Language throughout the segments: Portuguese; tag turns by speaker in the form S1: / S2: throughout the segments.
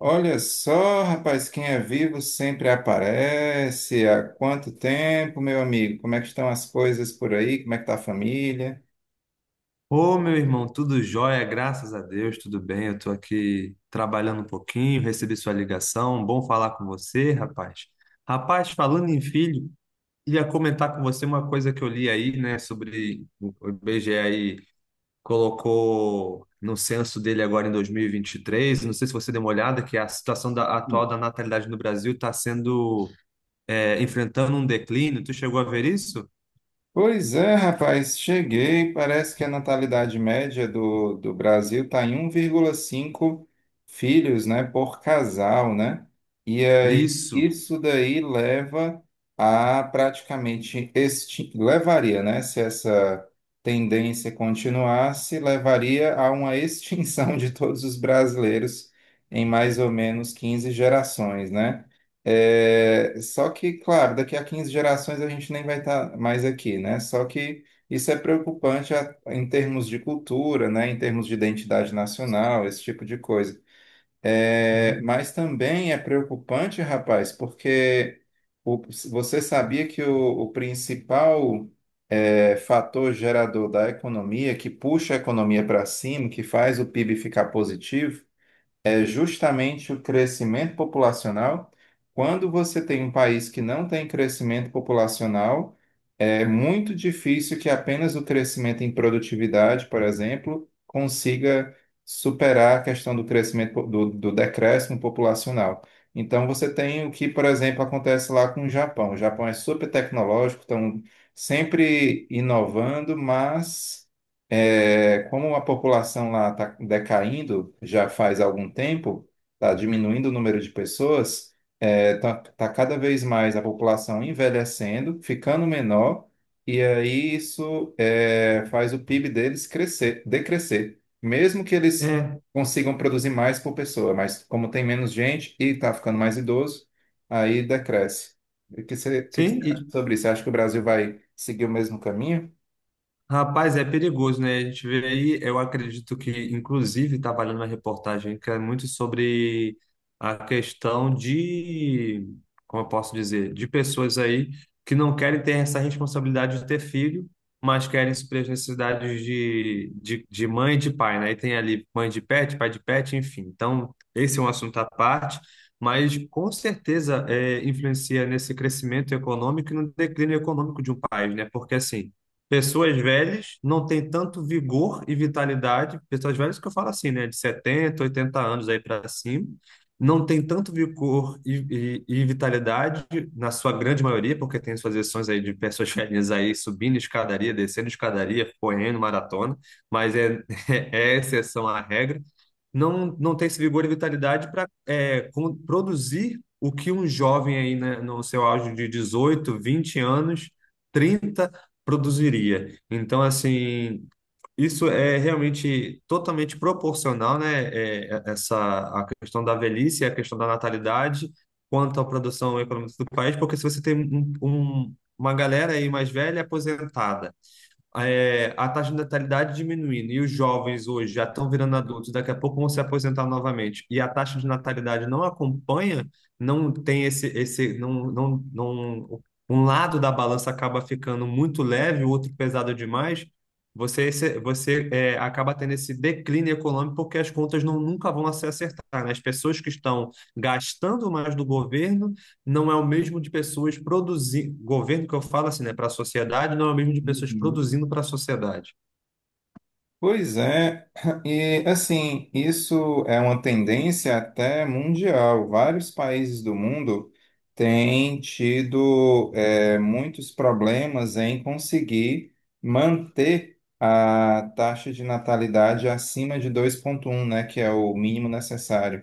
S1: Olha só, rapaz, quem é vivo sempre aparece. Há quanto tempo, meu amigo? Como é que estão as coisas por aí? Como é que tá a família?
S2: Ô, meu irmão, tudo jóia, graças a Deus, tudo bem. Eu tô aqui trabalhando um pouquinho, recebi sua ligação. Bom falar com você, rapaz. Rapaz, falando em filho, ia comentar com você uma coisa que eu li aí, né, sobre o IBGE aí colocou no censo dele agora em 2023. Não sei se você deu uma olhada, que a situação atual da natalidade no Brasil está sendo enfrentando um declínio. Tu chegou a ver isso?
S1: Pois é, rapaz, cheguei. Parece que a natalidade média do Brasil está em 1,5 filhos, né, por casal, né? E aí
S2: Isso.
S1: isso daí levaria, né, se essa tendência continuasse, levaria a uma extinção de todos os brasileiros em mais ou menos 15 gerações, né? É, só que, claro, daqui a 15 gerações a gente nem vai estar mais aqui, né? Só que isso é preocupante em termos de cultura, né? Em termos de identidade nacional, esse tipo de coisa. É,
S2: Uhum.
S1: mas também é preocupante, rapaz, porque o- você sabia que o principal fator gerador da economia, que puxa a economia para cima, que faz o PIB ficar positivo, é justamente o crescimento populacional. Quando você tem um país que não tem crescimento populacional, é muito difícil que apenas o crescimento em produtividade, por exemplo, consiga superar a questão do do decréscimo populacional. Então você tem o que, por exemplo, acontece lá com o Japão. O Japão é super tecnológico, estão sempre inovando, mas como a população lá está decaindo já faz algum tempo, está diminuindo o número de pessoas, está cada vez mais a população envelhecendo, ficando menor, e aí isso faz o PIB deles crescer, decrescer, mesmo que eles
S2: É,
S1: consigam produzir mais por pessoa, mas como tem menos gente e está ficando mais idoso, aí decresce. O que você acha
S2: sim.
S1: sobre isso? Você acha que o Brasil vai seguir o mesmo caminho?
S2: Rapaz, é perigoso, né? A gente vê aí, eu acredito que, inclusive, estava lendo uma reportagem que é muito sobre a questão de, como eu posso dizer, de pessoas aí que não querem ter essa responsabilidade de ter filho, mas querem suprir as necessidades de mãe e de pai, né? E tem ali mãe de pet, pai de pet, enfim. Então, esse é um assunto à parte, mas com certeza influencia nesse crescimento econômico e no declínio econômico de um país, né? Porque assim. Pessoas velhas não têm tanto vigor e vitalidade. Pessoas velhas que eu falo assim, né? De 70, 80 anos aí para cima, não tem tanto vigor e vitalidade, na sua grande maioria, porque tem suas exceções aí de pessoas velhas aí subindo escadaria, descendo escadaria, correndo maratona, mas é exceção à regra não tem esse vigor e vitalidade para produzir o que um jovem aí, né, no seu auge de 18, 20 anos, 30 produziria. Então, assim, isso é realmente totalmente proporcional, né? é, essa, a questão da velhice e a questão da natalidade quanto à produção econômica do país, porque se você tem uma galera aí mais velha aposentada, a taxa de natalidade diminuindo e os jovens hoje já estão virando adultos, daqui a pouco vão se aposentar novamente, e a taxa de natalidade não acompanha, não tem esse não, não, não, um lado da balança acaba ficando muito leve, o outro pesado demais, você, você acaba tendo esse declínio econômico porque as contas nunca vão se acertar, né? As pessoas que estão gastando mais do governo não é o mesmo de pessoas produzindo. Governo que eu falo assim, né? Para a sociedade, não é o mesmo de pessoas
S1: Uhum.
S2: produzindo para a sociedade.
S1: Pois é, e assim, isso é uma tendência até mundial. Vários países do mundo têm tido muitos problemas em conseguir manter a taxa de natalidade acima de 2,1, né, que é o mínimo necessário.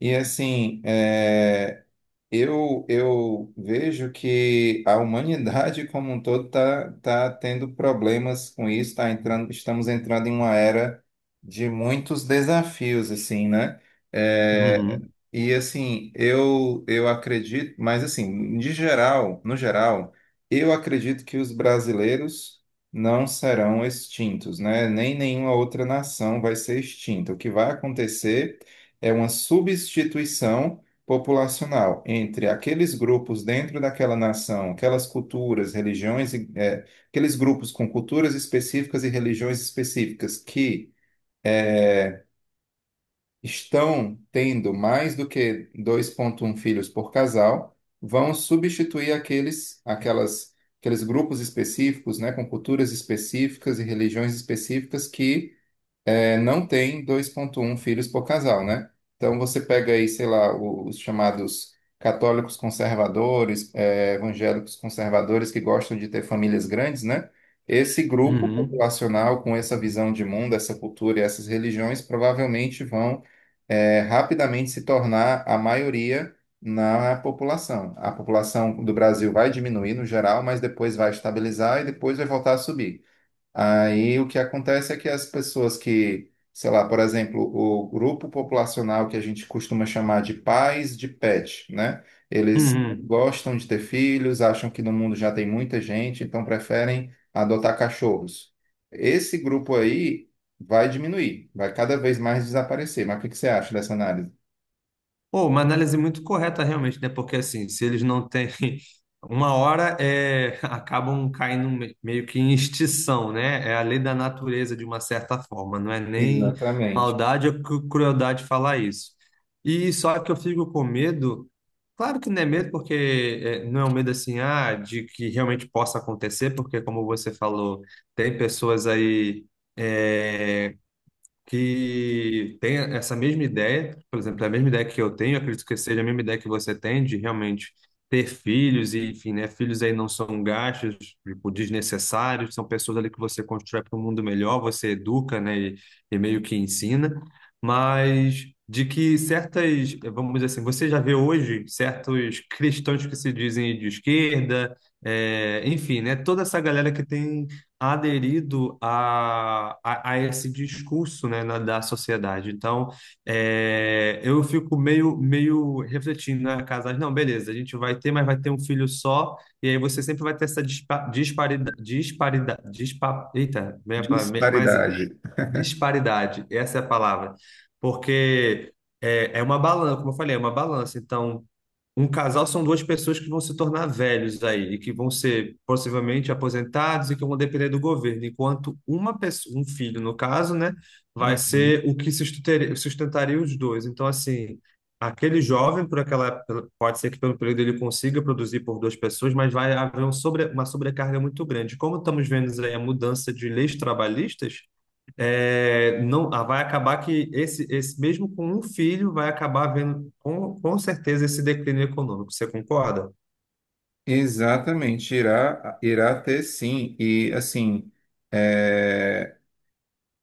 S1: E assim, eu vejo que a humanidade como um todo está tá tá tendo problemas com isso, estamos entrando em uma era de muitos desafios, assim, né? É,
S2: Uhum,
S1: e assim, eu acredito, mas assim, no geral, eu acredito que os brasileiros não serão extintos, né? Nem nenhuma outra nação vai ser extinta. O que vai acontecer é uma substituição populacional entre aqueles grupos dentro daquela nação, aquelas culturas, religiões, e, aqueles grupos com culturas específicas e religiões específicas que é, estão tendo mais do que 2,1 filhos por casal, vão substituir aqueles grupos específicos, né, com culturas específicas e religiões específicas que não tem 2,1 filhos por casal, né? Então você pega aí, sei lá, os chamados católicos conservadores, evangélicos conservadores que gostam de ter famílias grandes, né? Esse grupo
S2: uhum,
S1: populacional com essa visão de mundo, essa cultura e essas religiões provavelmente vão rapidamente se tornar a maioria na população. A população do Brasil vai diminuir no geral, mas depois vai estabilizar e depois vai voltar a subir. Aí o que acontece é que as pessoas que, sei lá, por exemplo, o grupo populacional que a gente costuma chamar de pais de pet, né? Eles não
S2: uhum.
S1: gostam de ter filhos, acham que no mundo já tem muita gente, então preferem adotar cachorros. Esse grupo aí vai diminuir, vai cada vez mais desaparecer. Mas o que que você acha dessa análise?
S2: Pô, uma análise muito correta realmente, né? Porque assim, se eles não têm uma hora, acabam caindo meio que em extinção, né? É a lei da natureza de uma certa forma, não é nem
S1: Exatamente.
S2: maldade ou crueldade falar isso. E só que eu fico com medo, claro que não é medo, porque não é um medo assim, ah, de que realmente possa acontecer, porque como você falou, tem pessoas aí é, que tem essa mesma ideia, por exemplo, é a mesma ideia que eu tenho, acredito que seja a mesma ideia que você tem de realmente ter filhos e, enfim, né, filhos aí não são gastos, tipo, desnecessários, são pessoas ali que você constrói para um mundo melhor, você educa, né, e meio que ensina, mas de que certas, vamos dizer assim, você já vê hoje certos cristãos que se dizem de esquerda, enfim, né, toda essa galera que tem aderido a esse discurso, né, da sociedade. Então, eu fico meio refletindo, né, casais, não, beleza, a gente vai ter, mas vai ter um filho só, e aí você sempre vai ter essa dispa, disparidade, disparidade, dispa, eita, meia pa- me- mas
S1: Disparidade.
S2: disparidade, essa é a palavra, porque é uma balança, como eu falei, é uma balança, então um casal são duas pessoas que vão se tornar velhos aí, e que vão ser possivelmente aposentados e que vão depender do governo, enquanto uma pessoa, um filho, no caso, né, vai
S1: Uhum.
S2: ser o que sustentaria, sustentaria os dois. Então, assim, aquele jovem, por pode ser que pelo período ele consiga produzir por duas pessoas, mas vai haver uma sobrecarga muito grande. Como estamos vendo aí a mudança de leis trabalhistas, é, não, ah, vai acabar que esse mesmo com um filho vai acabar vendo com certeza esse declínio econômico. Você concorda?
S1: Exatamente, irá ter sim. E assim, é,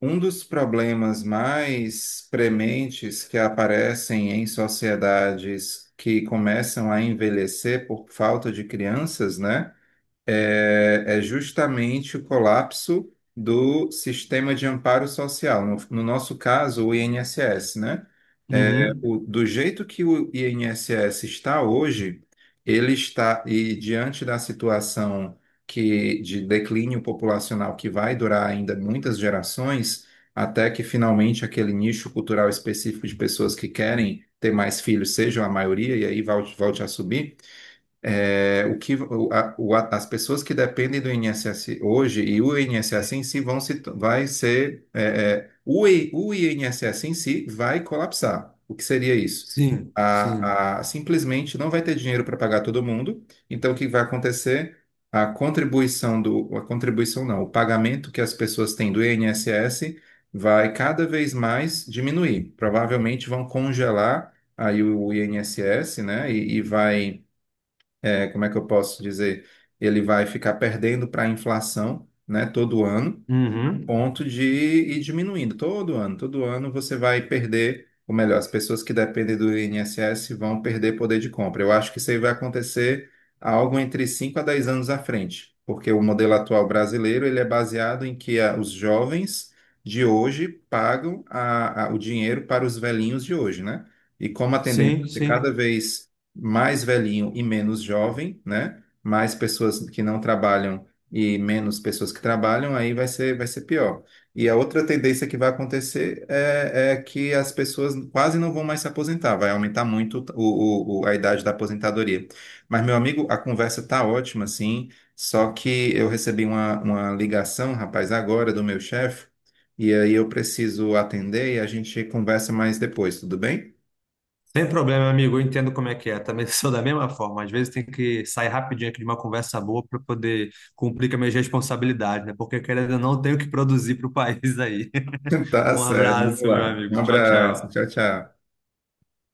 S1: Um dos problemas mais prementes que aparecem em sociedades que começam a envelhecer por falta de crianças, né? Justamente o colapso do sistema de amparo social, no nosso caso, o INSS, né? É,
S2: Uhum.
S1: o- do jeito que o INSS está hoje, ele está, e diante da situação de declínio populacional que vai durar ainda muitas gerações, até que finalmente aquele nicho cultural específico de pessoas que querem ter mais filhos sejam a maioria, e aí volte a subir. É, o que, o- a- as pessoas que dependem do INSS hoje e o INSS em si vão se, vai ser, é, é, o, I- o INSS em si vai colapsar. O que seria isso?
S2: Sim, sim.
S1: Simplesmente não vai ter dinheiro para pagar todo mundo, então o que vai acontecer? A contribuição do, a contribuição não, o pagamento que as pessoas têm do INSS vai cada vez mais diminuir. Provavelmente vão congelar aí o INSS, né? E como é que eu posso dizer? Ele vai ficar perdendo para a inflação, né, todo ano
S2: Uhum.
S1: ponto de ir diminuindo todo ano. Todo ano você vai perder, ou melhor, as pessoas que dependem do INSS vão perder poder de compra. Eu acho que isso aí vai acontecer algo entre 5 a 10 anos à frente, porque o modelo atual brasileiro ele é baseado em que os jovens de hoje pagam o dinheiro para os velhinhos de hoje, né? E como a tendência é
S2: Sim,
S1: ter cada
S2: sim.
S1: vez mais velhinho e menos jovem, né? Mais pessoas que não trabalham e menos pessoas que trabalham, aí vai ser pior. E a outra tendência que vai acontecer é que as pessoas quase não vão mais se aposentar, vai aumentar muito a idade da aposentadoria. Mas, meu amigo, a conversa tá ótima, sim, só que eu recebi uma ligação, rapaz, agora do meu chefe, e aí eu preciso atender e a gente conversa mais depois, tudo bem?
S2: Sem problema, amigo. Eu entendo como é que é. Também sou da mesma forma. Às vezes tem que sair rapidinho aqui de uma conversa boa para poder cumprir com as minhas responsabilidades, né? Porque querendo ou não, eu tenho que produzir para o país aí.
S1: Tá
S2: Um
S1: certo, vamos
S2: abraço, meu
S1: lá. Um
S2: amigo. Tchau,
S1: abraço,
S2: tchau.
S1: tchau, tchau.